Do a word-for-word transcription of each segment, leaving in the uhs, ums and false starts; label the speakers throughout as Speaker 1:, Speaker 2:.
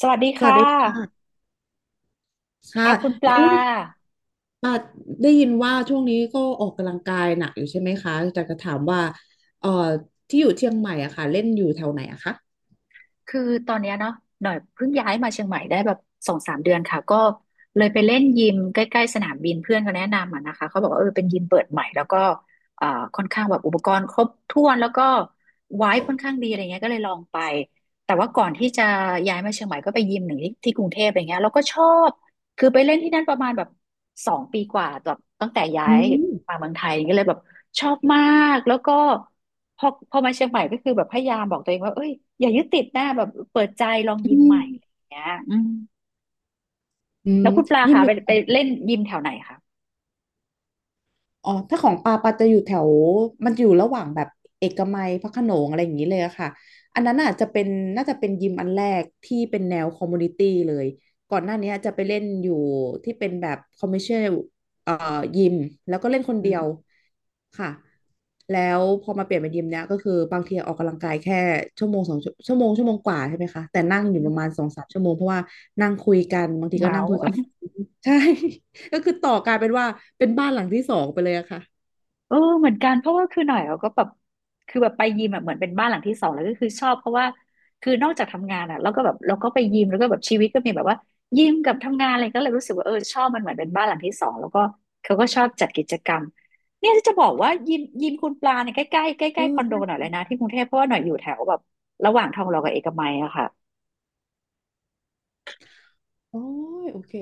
Speaker 1: สวัสดี
Speaker 2: สวัส
Speaker 1: ค่ะ
Speaker 2: ดีค่ะค่ะ
Speaker 1: ค่ะคุณปลา
Speaker 2: อุ้มอ่าได้ยินว่าช่วงนี้ก็ออกกำลังกายหนักอยู่ใช่ไหมคะแต่จะถามว่าเอ่อที่อยู่เชียงใหม่อะค่ะเล่นอยู่แถวไหนอะคะ
Speaker 1: คือตอนเนี้ยเนาะหน่อยเพิ่งย้ายมาเชียงใหม่ได้แบบสองสามเดือนค่ะก็เลยไปเล่นยิมใกล้ๆสนามบินเพื่อนเขาแนะนำอ่ะนะคะเขาบอกว่าเออเป็นยิมเปิดใหม่แล้วก็เอ่อค่อนข้างแบบอุปกรณ์ครบถ้วนแล้วก็ไว้ค่อนข้างดีอะไรเงี้ยก็เลยลองไปแต่ว่าก่อนที่จะย้ายมาเชียงใหม่ก็ไปยิมหนึ่งที่ที่กรุงเทพอะไรเงี้ยแล้วก็ชอบคือไปเล่นที่นั่นประมาณแบบสองปีกว่าแบบตั้งแต่ย้า
Speaker 2: อื
Speaker 1: ยมา
Speaker 2: ม
Speaker 1: เมืองไทยก็เลยแบบชอบมากแล้วก็ พอพอมาเชียงใหม่ก็คือแบบพยายามบอกตัวเองว่าเอ้ยอย่ายึดติดหน้าแบบเปิดใจลองยิ
Speaker 2: อื
Speaker 1: มให
Speaker 2: ม
Speaker 1: ม่อะไรอย่างเงี้ยอืม
Speaker 2: อืม
Speaker 1: แล้วคุณปลา
Speaker 2: ยิม
Speaker 1: คะ
Speaker 2: อ
Speaker 1: ไป
Speaker 2: ยู่
Speaker 1: ไปเล่นยิมแถวไหนคะ
Speaker 2: อ๋อถ้าของปาปาจะอยู่แถวมันจะอยู่ระหว่างแบบเอกมัยพระโขนงอะไรอย่างนี้เลยอะค่ะอันนั้นอาจจะเป็นน่าจะเป็นยิมอันแรกที่เป็นแนวคอมมูนิตี้เลย ก่อนหน้านี้จะไปเล่นอยู่ที่เป็นแบบคอมเมอร์เชียลเอ่อยิมแล้วก็เล่นคน
Speaker 1: อื
Speaker 2: เดียว
Speaker 1: ม
Speaker 2: ค่ะแล้วพอมาเปลี่ยนเป็นยิมเนี้ยก็คือบางทีออกกำลังกายแค่ชั่วโมงสองชั่วโมงชั่วโมงกว่าใช่ไหมคะแต่นั่งอยู่ประมาณสองสามชั่วโมงเพราะว่านั่งคุยกันบางทีก็
Speaker 1: เมา
Speaker 2: นั่งคุ
Speaker 1: ส์
Speaker 2: ยกับ ใช่ ก็คือต่อกลายเป็นว่าเป็นบ้านหลังที่สองไปเลยอะค่ะ
Speaker 1: เออเหมือนกันเพราะว่าคือหน่อยเราก็แบบคือแบบไปยิมอะเหมือนเป็นบ้านหลังที่สองแล้วก็คือชอบเพราะว่าคือนอกจากทำงานอะเราก็แบบเราก็ไปยิมแล้วก็แบบชีวิตก็มีแบบว่ายิมกับทำงานอะไรก็เลยรู้สึกว่าเออชอบมันเหมือนเป็นบ้านหลังที่สองแล้วก็เขาก็ชอบจัดกิจกรรมเนี่ยจะบอกว่ายิมยิมคุณปลาเนี่ยใกล้ใกล้ใกล้ใก
Speaker 2: เออ
Speaker 1: ล้ๆคอนโดหน่
Speaker 2: ใช่
Speaker 1: อยเลยนะที่กรุงเทพเพราะว่าหน่อยอยู่แถวแบบระหว่างทองหล่อกับเอกมัยอะค่ะ
Speaker 2: โอ้ยโอเค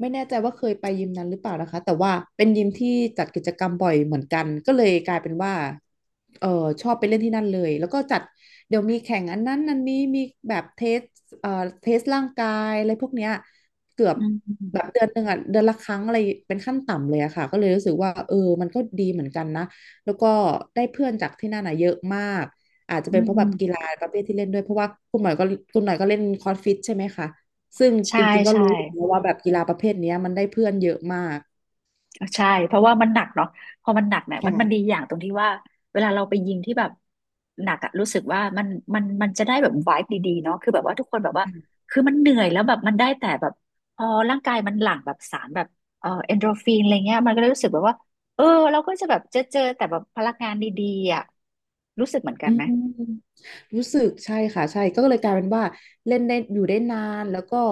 Speaker 2: ไม่แน่ใจว่าเคยไปยิมนั้นหรือเปล่านะคะแต่ว่าเป็นยิมที่จัดกิจกรรมบ่อยเหมือนกันก็เลยกลายเป็นว่าเออชอบไปเล่นที่นั่นเลยแล้วก็จัดเดี๋ยวมีแข่งอันนั้นอันนี้มีแบบเทสเอ่อเทสร่างกายอะไรพวกเนี้ยเกือบ
Speaker 1: อื
Speaker 2: แบบ
Speaker 1: ม
Speaker 2: เดือนหนึ่งอ่ะเดือนละครั้งอะไรเป็นขั้นต่ำเลยอะค่ะก็เลยรู้สึกว่าเออมันก็ดีเหมือนกันนะแล้วก็ได้เพื่อนจากที่นั่นอ่ะเยอะมากอาจจะ
Speaker 1: อื
Speaker 2: เป็นเพราะแบ
Speaker 1: ม
Speaker 2: บกีฬาประเภทที่เล่นด้วยเพราะว่าคุณหน่อยก็คุณหน่อยก็เล่นคอร์สฟิตใช่ไหมคะ ซึ่ง
Speaker 1: ใช่
Speaker 2: จริงๆ ก็
Speaker 1: ใช่
Speaker 2: รู้อยู่แล้วว่าแบบกีฬาประเภทเนี้ยมันได้เพื่อนเยอะมาก
Speaker 1: ใช่ เพราะว่ามันหนักเนาะพอมันหนักเนี่ยมันมันดี
Speaker 2: ค่ะ
Speaker 1: อย่างตรงที่ว่าเวลาเราไปยิงที่แบบหนักอะรู้สึกว่ามันมันมันจะได้แบบไวบ์ดีๆเนาะคือแบบว่าทุกคนแบบว่าคือมันเหนื่อยแล้วแบบมันได้แต่แบบพอร่างกายมันหลั่งแบบสารแบบเอ่อเอนโดรฟินอะไรเงี้ยมันก็เลยรู้สึกแบบว่าเออเราก็จะแบบเจอเจอแต่แบบพลังงานดีๆอะรู้สึกเหมือนกัน
Speaker 2: อื
Speaker 1: ไหม
Speaker 2: มรู้สึกใช่ค่ะใช่ก็เลยกลายเป็นว่าเล่นได้อยู่ได้นานแล้วก็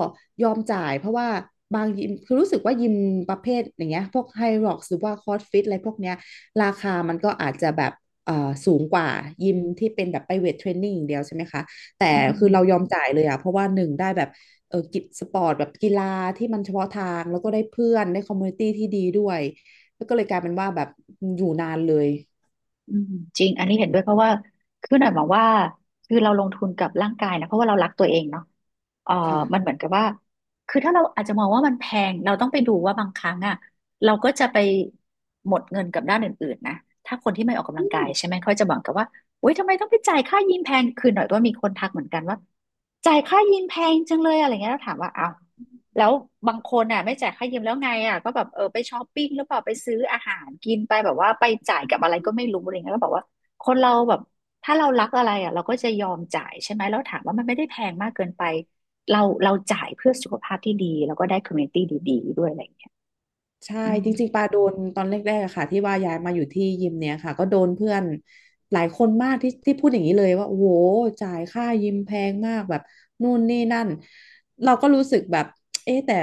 Speaker 2: ยอมจ่ายเพราะว่าบางยิมคือรู้สึกว่ายิมประเภทอย่างเงี้ยพวกไฮร็อกหรือว่าคอร์สฟิตอะไรพวกเนี้ยราคามันก็อาจจะแบบเอ่อสูงกว่ายิมที่เป็นแบบไปเวทเทรนนิ่งอย่างเดียวใช่ไหมคะแต่
Speaker 1: อื
Speaker 2: คือเราย
Speaker 1: ม
Speaker 2: อมจ่ายเลยอ่ะเพราะว่าหนึ่งได้แบบเออกิจสปอร์ตแบบกีฬาที่มันเฉพาะทางแล้วก็ได้เพื่อนได้คอมมูนิตี้ที่ดีด้วยแล้วก็เลยกลายเป็นว่าแบบอยู่นานเลย
Speaker 1: อืมจริงอันนี้เห็นด้วยเพราะว่าคือหน่อยมองว่าคือเราลงทุนกับร่างกายนะเพราะว่าเรารักตัวเองเนาะเออมันเหมือ
Speaker 2: ค่ะ
Speaker 1: นกับว่าคือถ้าเราอาจจะมองว่ามันแพงเราต้องไปดูว่าบางครั้งอ่ะเราก็จะไปหมดเงินกับด้านอื่นๆนะถ้าคนที่ไม่ออกกำลังกายใช่ไหมเขาจะบอกกับว่าโอ๊ยทำไมต้องไปจ่ายค่ายิมแพงคือหน่อยว่ามีคนทักเหมือนกันว่าจ่ายค่ายิมแพงจังเลยอะไรเงี้ยแล้วถามว่าเอา แล้วบางคนอ่ะไม่จ่ายค่ายืมแล้วไงอ่ะก็แบบเออไปช้อปปิ้งหรือเปล่าไปซื้ออาหารกินไปแบบว่าไปจ่ายกับอะไรก็ไม่รู้อะไรเงี้ยก็บอกว่าคนเราแบบถ้าเรารักอะไรอ่ะเราก็จะยอมจ่ายใช่ไหมแล้วถามว่ามันไม่ได้แพงมากเกินไปเราเราจ่ายเพื่อสุขภาพที่ดีแล้วก็ได้คอมมูนิตี้ดีๆด้วยอะไรอย่างเงี้ย
Speaker 2: ใช่
Speaker 1: อืม
Speaker 2: จริงๆปาโดนตอนแรกๆอะค่ะที่ว่าย้ายมาอยู่ที่ยิมเนี่ยค่ะก็โดนเพื่อนหลายคนมากที่ที่พูดอย่างนี้เลยว่าโอ้โหจ่ายค่ายิมแพงมากแบบนู่นนี่นั่นเราก็รู้สึกแบบเอ๊ะแต่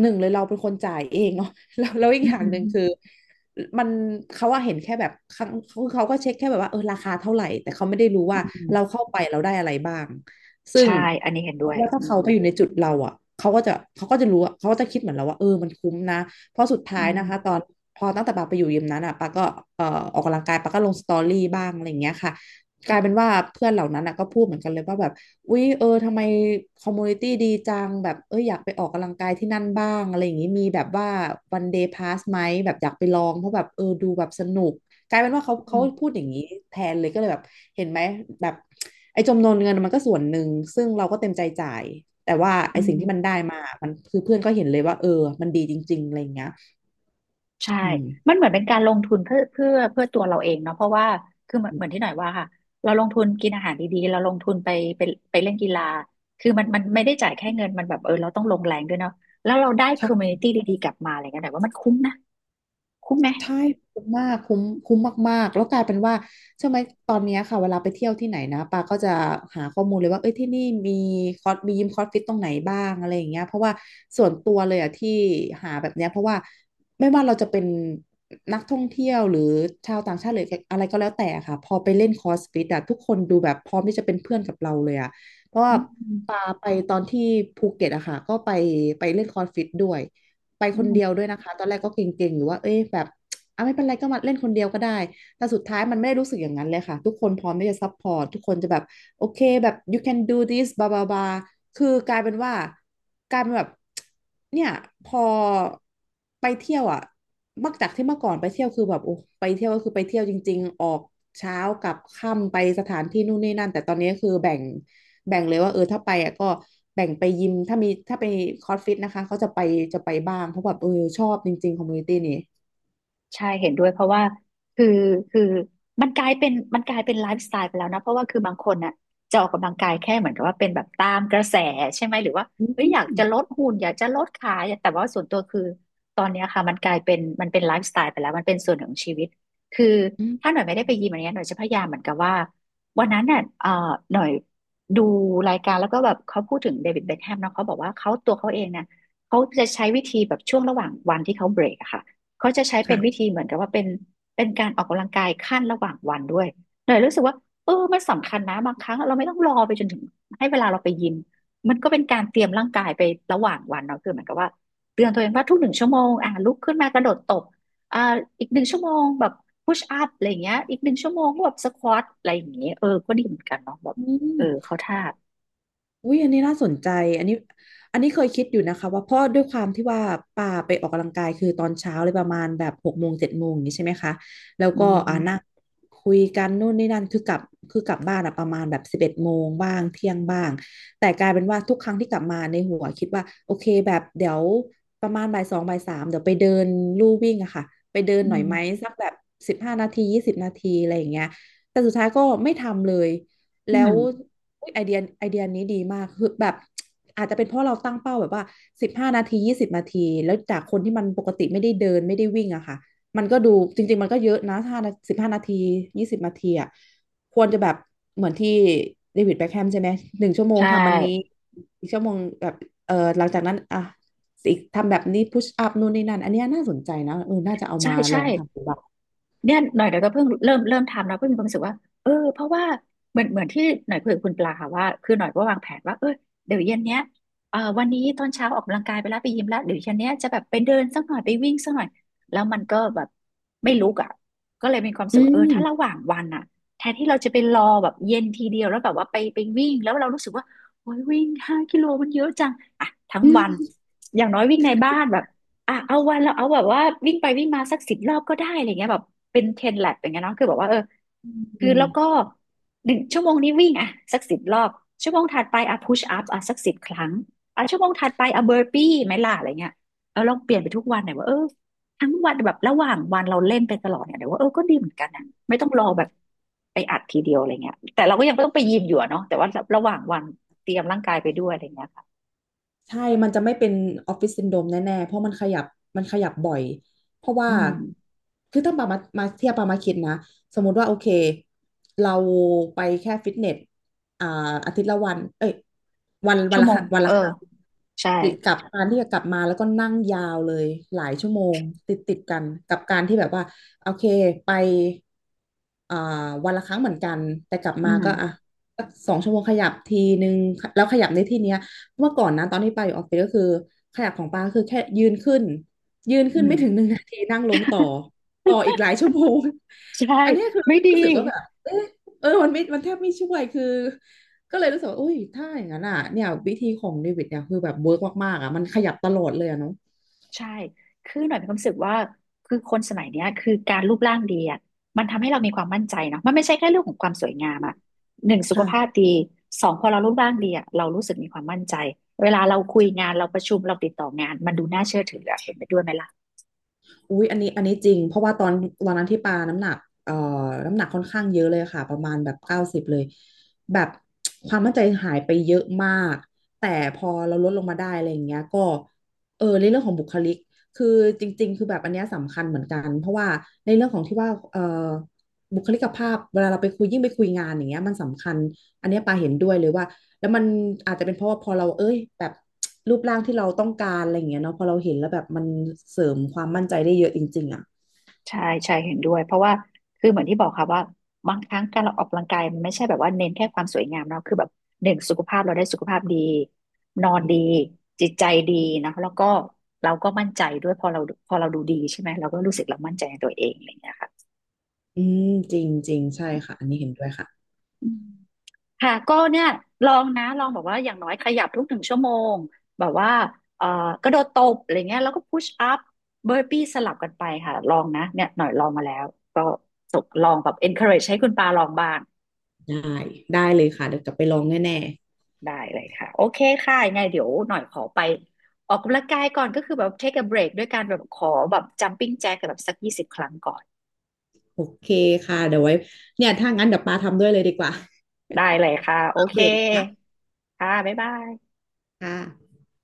Speaker 2: หนึ่งเลยเราเป็นคนจ่ายเองเนาะ แล้วแล้วอีก
Speaker 1: อื
Speaker 2: อย่างหนึ่งคือ
Speaker 1: ม
Speaker 2: มันเขาว่าเห็นแค่แบบครั้งเขาเขาก็เช็คแค่แบบว่าเออราคาเท่าไหร่แต่เขาไม่ได้รู้
Speaker 1: อื
Speaker 2: ว่าเรา
Speaker 1: ม
Speaker 2: เข้าไปเราได้อะไรบ้างซึ่ง
Speaker 1: ใช่อันนี้เห็นด้วย
Speaker 2: ว่า
Speaker 1: อื
Speaker 2: ถ้าเขา
Speaker 1: ม
Speaker 2: ไปอยู่ในจุดเราอ่ะเขาก็จะเขาก็จะรู้อะเขาก็จะคิดเหมือนเราว่าเออมันคุ้มนะ เพราะสุด
Speaker 1: อื
Speaker 2: ท้าย
Speaker 1: ม
Speaker 2: นะคะตอนพอตั้งแต่ปาไปอยู่ยิมนั้นอ่ะปาก็เอ่อออกกำลังกายปาก็ลงสตอรี่บ้างอะไรอย่างเงี้ยค่ะกลายเป็นว่าเพื่อนเหล่านั้นอ่ะก็พูดเหมือนกันเลยว่าแบบอุ๊ยเออทำไมคอมมูนิตี้ดีจังแบบเอออยากไปออกกำลังกายที่นั่นบ้างอะไรอย่างงี้มีแบบว่าวันเดย์พาสไหมแบบอยากไปลองเพราะแบบเออดูแบบสนุก กลายเป็นว่าเขา
Speaker 1: อื
Speaker 2: เขา
Speaker 1: ม
Speaker 2: พูดอย่างนี้แทนเลยก็เลยแบบเห็นไหมแบบไอ้จำนวนเงินมันก็ส่วนหนึ่งซึ่งเราก็เต็มใจจ่ายแต่ว่า
Speaker 1: อื
Speaker 2: ไอ้สิ่ง
Speaker 1: ม
Speaker 2: ที่มันได้มามันคือเพื่อนก็เห็นเลยว่าเออมันดีจริงๆอะไรอย่างเงี้ย
Speaker 1: ใช่
Speaker 2: อืม
Speaker 1: มันเหมือนเป็นการลงทุนเพื่อเพื่อเพื่อตัวเราเองเนาะเพราะว่าคือเหมือนเหมือนที่หน่อยว่าค่ะเราลงทุนกินอาหารดีๆ เราลงทุนไปไปไปเล่นกีฬาคือมันมันไม่ได้จ่ายแค่เงินมันแบบเออเราต้องลงแรงด้วยเนาะแล้วเราได้คอมมูนิ
Speaker 2: ใช่
Speaker 1: ตี้ดีๆกลับมาอะไรเงี้ยหน่อยว่ามันคุ้มนะคุ้มไหม
Speaker 2: ใช่คุ้มมากคุ้มคุ้มมากๆแล้วกลายเป็นว่าใช่ไหมตอนเนี้ยค่ะเวลาไปเที่ยวที่ไหนนะปาก็จะหาข้อมูลเลยว่าเอ้ยที่นี่มีคอร์สมียิมคอร์สฟิตตรงไหนบ้างอะไรอย่างเงี้ยเพราะว่าส่วนตัวเลยอะที่หาแบบเนี้ยเพราะว่าไม่ว่าเราจะเป็นนักท่องเที่ยวหรือชาวต่างชาติหรืออะไรก็แล้วแต่ค่ะพอไปเล่นคอร์สฟิตอะทุกคนดูแบบพร้อมที่จะเป็นเพื่อนกับเราเลยอะเพราะว่า
Speaker 1: อืม
Speaker 2: ไปตอนที่ภูเก็ตอะค่ะก็ไปไปเล่นคอร์สฟิตด้วยไป
Speaker 1: อื
Speaker 2: คนเดียว
Speaker 1: ม
Speaker 2: ด้วยนะคะตอนแรกก็เกรงๆอยู่ว่าเอ้ยแบบอ่ะไม่เป็นไรก็มาเล่นคนเดียวก็ได้แต่สุดท้ายมันไม่ได้รู้สึกอย่างนั้นเลยค่ะทุกคนพร้อมที่จะซัพพอร์ตทุกคนจะแบบโอเคแบบ you can do this บาบาบาคือกลายเป็นว่ากลายเป็นแบบเนี่ยพอไปเที่ยวอ่ะเมื่อจากที่เมื่อก่อนไปเที่ยวคือแบบโอ้ไปเที่ยวก็คือไปเที่ยวจริงๆออกเช้ากลับค่ำไปสถานที่นู่นนี่นั่นแต่ตอนนี้คือแบ่ง แบ่งเลยว่าเออถ้าไปอ่ะก็แบ่งไปยิมถ้ามีถ้าไปคอร์สฟิตนะคะเขาจะไปจะไปบ้างเพราะแบบเออชอบจริงๆคอมมูนิตี้นี่
Speaker 1: ใช่เห็นด้วยเพราะว่าคือคือมันกลายเป็นมันกลายเป็นไลฟ์สไตล์ไปแล้วนะเพราะว่าคือบางคนน่ะจะออกกำลังกายแค่เหมือนกับว่าเป็นแบบตามกระแสใช่ไหมหรือว่า
Speaker 2: อื
Speaker 1: เอ้ยอยาก
Speaker 2: ม
Speaker 1: จะลดหุ่นอยากจะลดขาอยากแต่ว่าส่วนตัวคือตอนเนี้ยค่ะมันกลายเป็นมันเป็นไลฟ์สไตล์ไปแล้วมันเป็นส่วนหนึ่งของชีวิตคือ
Speaker 2: อืม
Speaker 1: ถ้าหน่อยไม่ได้ไปยิมอันเนี้ยหน่อยจะพยายามเหมือนกับว่าวันนั้นน่ะเอ่อหน่อยดูรายการแล้วก็แบบเขาพูดถึงเดวิดเบ็คแฮมเนาะเขาบอกว่าเขาตัวเขาเองเนี่ยเขาจะใช้วิธีแบบช่วงระหว่างวันที่เขาเบรกอะค่ะ เขาจะใช้เป็
Speaker 2: ค่ะ
Speaker 1: นวิธีเหมือนกับว่าเป็นเป็นการออกกำลังกายขั้นระหว่างวันด้วยหน่อยรู้สึกว่าเออมันสำคัญนะบางครั้งเราไม่ต้องรอไปจนถึงให้เวลาเราไปยิมมันก็เป็นการเตรียมร่างกายไประหว่างวันเนาะคือเหมือนกับว่าเตือนตัวเองว่าทุกหนึ่งชั่วโมงอ่ะลุกขึ้นมากระโดดตบอ่าอีกหนึ่งชั่วโมงแบบพุชอัพอะไรอย่างเงี้ยอีกหนึ่งชั่วโมงก็แบบสควอตอะไรอย่างเงี้ยเออก็ดีเหมือนกันเนาะแบบ
Speaker 2: อื
Speaker 1: เออ
Speaker 2: ม
Speaker 1: เขาท่า
Speaker 2: อุ้ยอันนี้น่าสนใจอันนี้อันนี้เคยคิดอยู่นะคะว่าเพราะด้วยความที่ว่าป่าไปออกกำลังกายคือตอนเช้าเลยประมาณแบบหกโมงเจ็ดโมงอย่างนี้ใช่ไหมคะแล้ว
Speaker 1: อื
Speaker 2: ก็อ่านั่ง
Speaker 1: ม
Speaker 2: คุยกันนู่นนี่นั่นคือกลับคือกลับบ้านอะประมาณแบบสิบเอ็ดโมงบ้างเที่ยงบ้างแต่กลายเป็นว่าทุกครั้งที่กลับมาในหัวคิดว่าโอเคแบบเดี๋ยวประมาณบ่ายสองบ่ายสามเดี๋ยวไปเดินลู่วิ่งอะค่ะไปเดิน
Speaker 1: อื
Speaker 2: หน่อย
Speaker 1: ม
Speaker 2: ไหมสักแบบสิบห้านาทียี่สิบนาทีอะไรอย่างเงี้ยแต่สุดท้ายก็ไม่ทำเลย
Speaker 1: อื
Speaker 2: แล้ว
Speaker 1: ม
Speaker 2: อุ๊ยไอเดียไอเดียนี้ดีมากคือแบบอาจจะเป็นเพราะเราตั้งเป้าแบบว่าสิบห้านาทียี่สิบนาทีแล้วจากคนที่มันปกติไม่ได้เดินไม่ได้วิ่งอะค่ะมันก็ดูจริงๆมันก็เยอะนะถ้าสิบห้านาทียี่สิบนาทีอะควรจะแบบเหมือนที่เดวิดแบ็คแฮมใช่ไหมหนึ่งชั่วโม
Speaker 1: ใช
Speaker 2: งทำอันนี้
Speaker 1: ่
Speaker 2: อีกชั่วโมงแบบเออหลังจากนั้นอ่ะอีกทำแบบนี้พุชอัพนู่นนี่นั่นอันเนี้ยน่าสนใจนะเออน่าจะเอา
Speaker 1: ใช่
Speaker 2: มาล
Speaker 1: ใช่
Speaker 2: องทำดูบ้าง
Speaker 1: เนี่ยหน่อยเดี๋ยวก็เพิ่งเริ่มเริ่มทำแล้วเพิ่งมีความรู้สึกว่าเออเพราะว่าเหมือนเหมือนที่หน่อยคุยกับคุณปลาค่ะว่าคือหน่อยก็วางแผนว่าเออเดี๋ยวเย็นเนี้ยเอ่อวันนี้ตอนเช้าออกกำลังกายไปแล้วไปยิมแล้วเดี๋ยวเย็นเนี้ยจะแบบไปเดินสักหน่อยไปวิ่งสักหน่อยแล้วมันก็แบบไม่ลุกอ่ะก็เลยมีความรู้สึ
Speaker 2: อื
Speaker 1: กว่าเออ
Speaker 2: ม
Speaker 1: ถ้าระหว่างวันอ่ะแทนที่เราจะไปรอแบบเย็นทีเดียวแล้วแบบว่าไปไปวิ่งแล้วเรารู้สึกว่าโอ้ยวิ่งห้ากิโลมันเยอะจังอ่ะทั้งวันอย่างน้อยวิ่งในบ้านแบบ อ่ะเอาวันเราเอาแบบว่าวิ่งไปวิ่งมาสักสิบรอบก็ได้อะไรเงี้ยแบบเป็นเทนแลบอย่างเงี้ยเนาะคือแบบว่าเออ
Speaker 2: อื
Speaker 1: คือแล้วก็
Speaker 2: ม
Speaker 1: หนึ่งชั่วโมงนี้วิ่งอ่ะสักสิบรอบชั่วโมงถัดไปอ่ะพุชอัพอ่ะสักสิบครั้งอ่ะชั่วโมงถัดไปอ่ะเบอร์ปี้ไหมล่ะอะไรเงี้ยเออลองเปลี่ยนไปทุกวันหน่อยว่าเออทั้งวันแบบระหว่างวันเราเล่นไปตลอดเนี่ยเดี๋ยวว่าเออก็ดีเหมือนกันนะไม่ต้องรอแบบไปอัดทีเดียวอะไรเงี้ยแต่เราก็ยังไม่ต้องไปยิมอยู่อะเนาะแต่ว่าระหว่างวันเตรียมร่างกายไปด้วยอะไรเงี้ยค่ะ
Speaker 2: ใช่ มันจะไม่เป็นออฟฟิศซินโดรมแน่ๆ เพราะมันขยับ มันขยับบ่อย เพราะว่า
Speaker 1: อืม
Speaker 2: คือถ้าปามามาเทียบปามาคิดนะ สมมุติว่าโอเค เราไปแค่ฟิตเนสอ่าอาทิตย์ละวันเอ้ยวันวั
Speaker 1: ชั่
Speaker 2: น
Speaker 1: ว
Speaker 2: ละ
Speaker 1: โม
Speaker 2: ครั้
Speaker 1: ง
Speaker 2: งวัน
Speaker 1: เอ
Speaker 2: ละ
Speaker 1: อ
Speaker 2: ครั้ง
Speaker 1: ใช่
Speaker 2: กับการที่จะกลับมาแล้วก็นั่งยาวเลยหลายชั่วโมงติดติดกัน กับการที่แบบว่า โอเค ไปอ่าวันละครั้งเหมือนกัน แต่กลับ
Speaker 1: อื
Speaker 2: มา
Speaker 1: ม
Speaker 2: ก็อ่ะสักสองชั่วโมงขยับทีนึงแล้วขยับในที่เนี้ย เมื่อก่อนนะตอนที่ปาอยู่ออฟฟิศก็คือขยับของปาคือแค่ยืนขึ้นยืน
Speaker 1: อื
Speaker 2: ขึ้นไม่ถึ
Speaker 1: ม
Speaker 2: งหนึ่งนาทีนั่งลงต่อต่ออีกหลายชั่วโมง
Speaker 1: ใช่
Speaker 2: อันเนี้ยคือ
Speaker 1: ไม่ดี
Speaker 2: รู้สึกว่าแบบเอะเออมันไม่มันแทบไม่ช่วยคือก็เลยรู้สึกว่าอุ้ยถ้าอย่างนั้นอ่ะเนี่ยวิธีของเดวิดเนี่ยคือแบบเวิร์กมากๆอ่ะมันขยับตลอดเลยอะเนาะ
Speaker 1: ใช่คือหน่อยมีความรู้สึกว่าคือคนสมัยเนี้ยคือการรูปร่างดีอ่ะมันทำให้เรามีความมั่นใจเนาะมันไม่ใช่แค่เรื่องของความสวยงามอ่ะหนึ่งสุขภาพ
Speaker 2: ค่ะ
Speaker 1: ดีสองพอเรารูปร่างดีอ่ะเรารู้สึกมีความมั่นใจเวลาเราคุยงานเราประชุมเราติดต่องานมันดูน่าเชื่อถืออะเห็นไปด้วยไหมล่ะ
Speaker 2: อุ๊ยอันนี้อันนี้จริงเพราะว่าตอนตอนนั้นที่ปาน้ำหนักเอ่อน้ำหนักค่อนข้างเยอะเลยค่ะประมาณแบบเก้าสิบเลยแบบความมั่นใจหายไปเยอะมากแต่พอเราลดลงมาได้อะไรอย่างเงี้ยก็เออในเรื่องของบุคลิกคือจริงๆคือแบบอันเนี้ยสำคัญเหมือนกันเพราะว่าในเรื่องของที่ว่าเอ่อบุคลิกภาพเวลาเราไปคุยยิ่งไปคุยงานอย่างเงี้ยมันสำคัญอันเนี้ยปาเห็นด้วยเลยว่า แล้วมันอาจจะเป็นเพราะว่าพอเราเอ้ยแบบรูปร่างที่เราต้องการอะไรอย่างเงี้ยเนาะพอเราเห็นแล้วแบบมันเสริมความมั่นใจได้เยอะจริงๆอ่ะ
Speaker 1: ใช่ใช่เห็นด้วยเพราะว่าคือเหมือนที่บอกค่ะว่าบางครั้งการเราออกกำลังกายมันไม่ใช่แบบว่าเน้นแค่ความสวยงามเนาะคือแบบหนึ่งสุขภาพเราได้สุขภาพดีนอนดีจิตใจดีนะแล้วก็เราก็มั่นใจด้วยพอเราพอเราดูดีใช่ไหมเราก็รู้สึกเรามั่นใจในตัวเองอะไรอย่างเงี้ยค่ะ
Speaker 2: อืมจริงจริงใช่ค่ะอันนี้เห็นด้วยค่ะ
Speaker 1: อืม ค่ะก็เนี่ยลองนะลองแบบว่าอย่างน้อยขยับทุกหนึ่งชั่วโมงแบบว่าเอ่อกระโดดตบอะไรเงี้ยแล้วก็พุชอัพเบอร์ปี้สลับกันไปค่ะลองนะเนี่ยหน่อยลองมาแล้วก็ส่งลองแบบ encourage ให้คุณปาลองบ้าง
Speaker 2: ได้ได้เลยค่ะเดี๋ยวกลับไปลองแน่
Speaker 1: ได้เลยค่ะโอเคค่ะยังไงเดี๋ยวหน่อยขอไปออกกำลังกายก่อนก็คือแบบ take a break ด้วยการแบบขอแบบ jumping jack แบบสักยี่สิบครั้งก่อน
Speaker 2: ๆโอเคค่ะเดี๋ยวไว้เนี่ยถ้างั้นเดี๋ยวปาทำด้วยเลยดีกว่า
Speaker 1: ได้เลยค่ะโอ
Speaker 2: อัป
Speaker 1: เค
Speaker 2: เดตนะคะ
Speaker 1: ค่ะบ๊ายบาย
Speaker 2: ค่ะ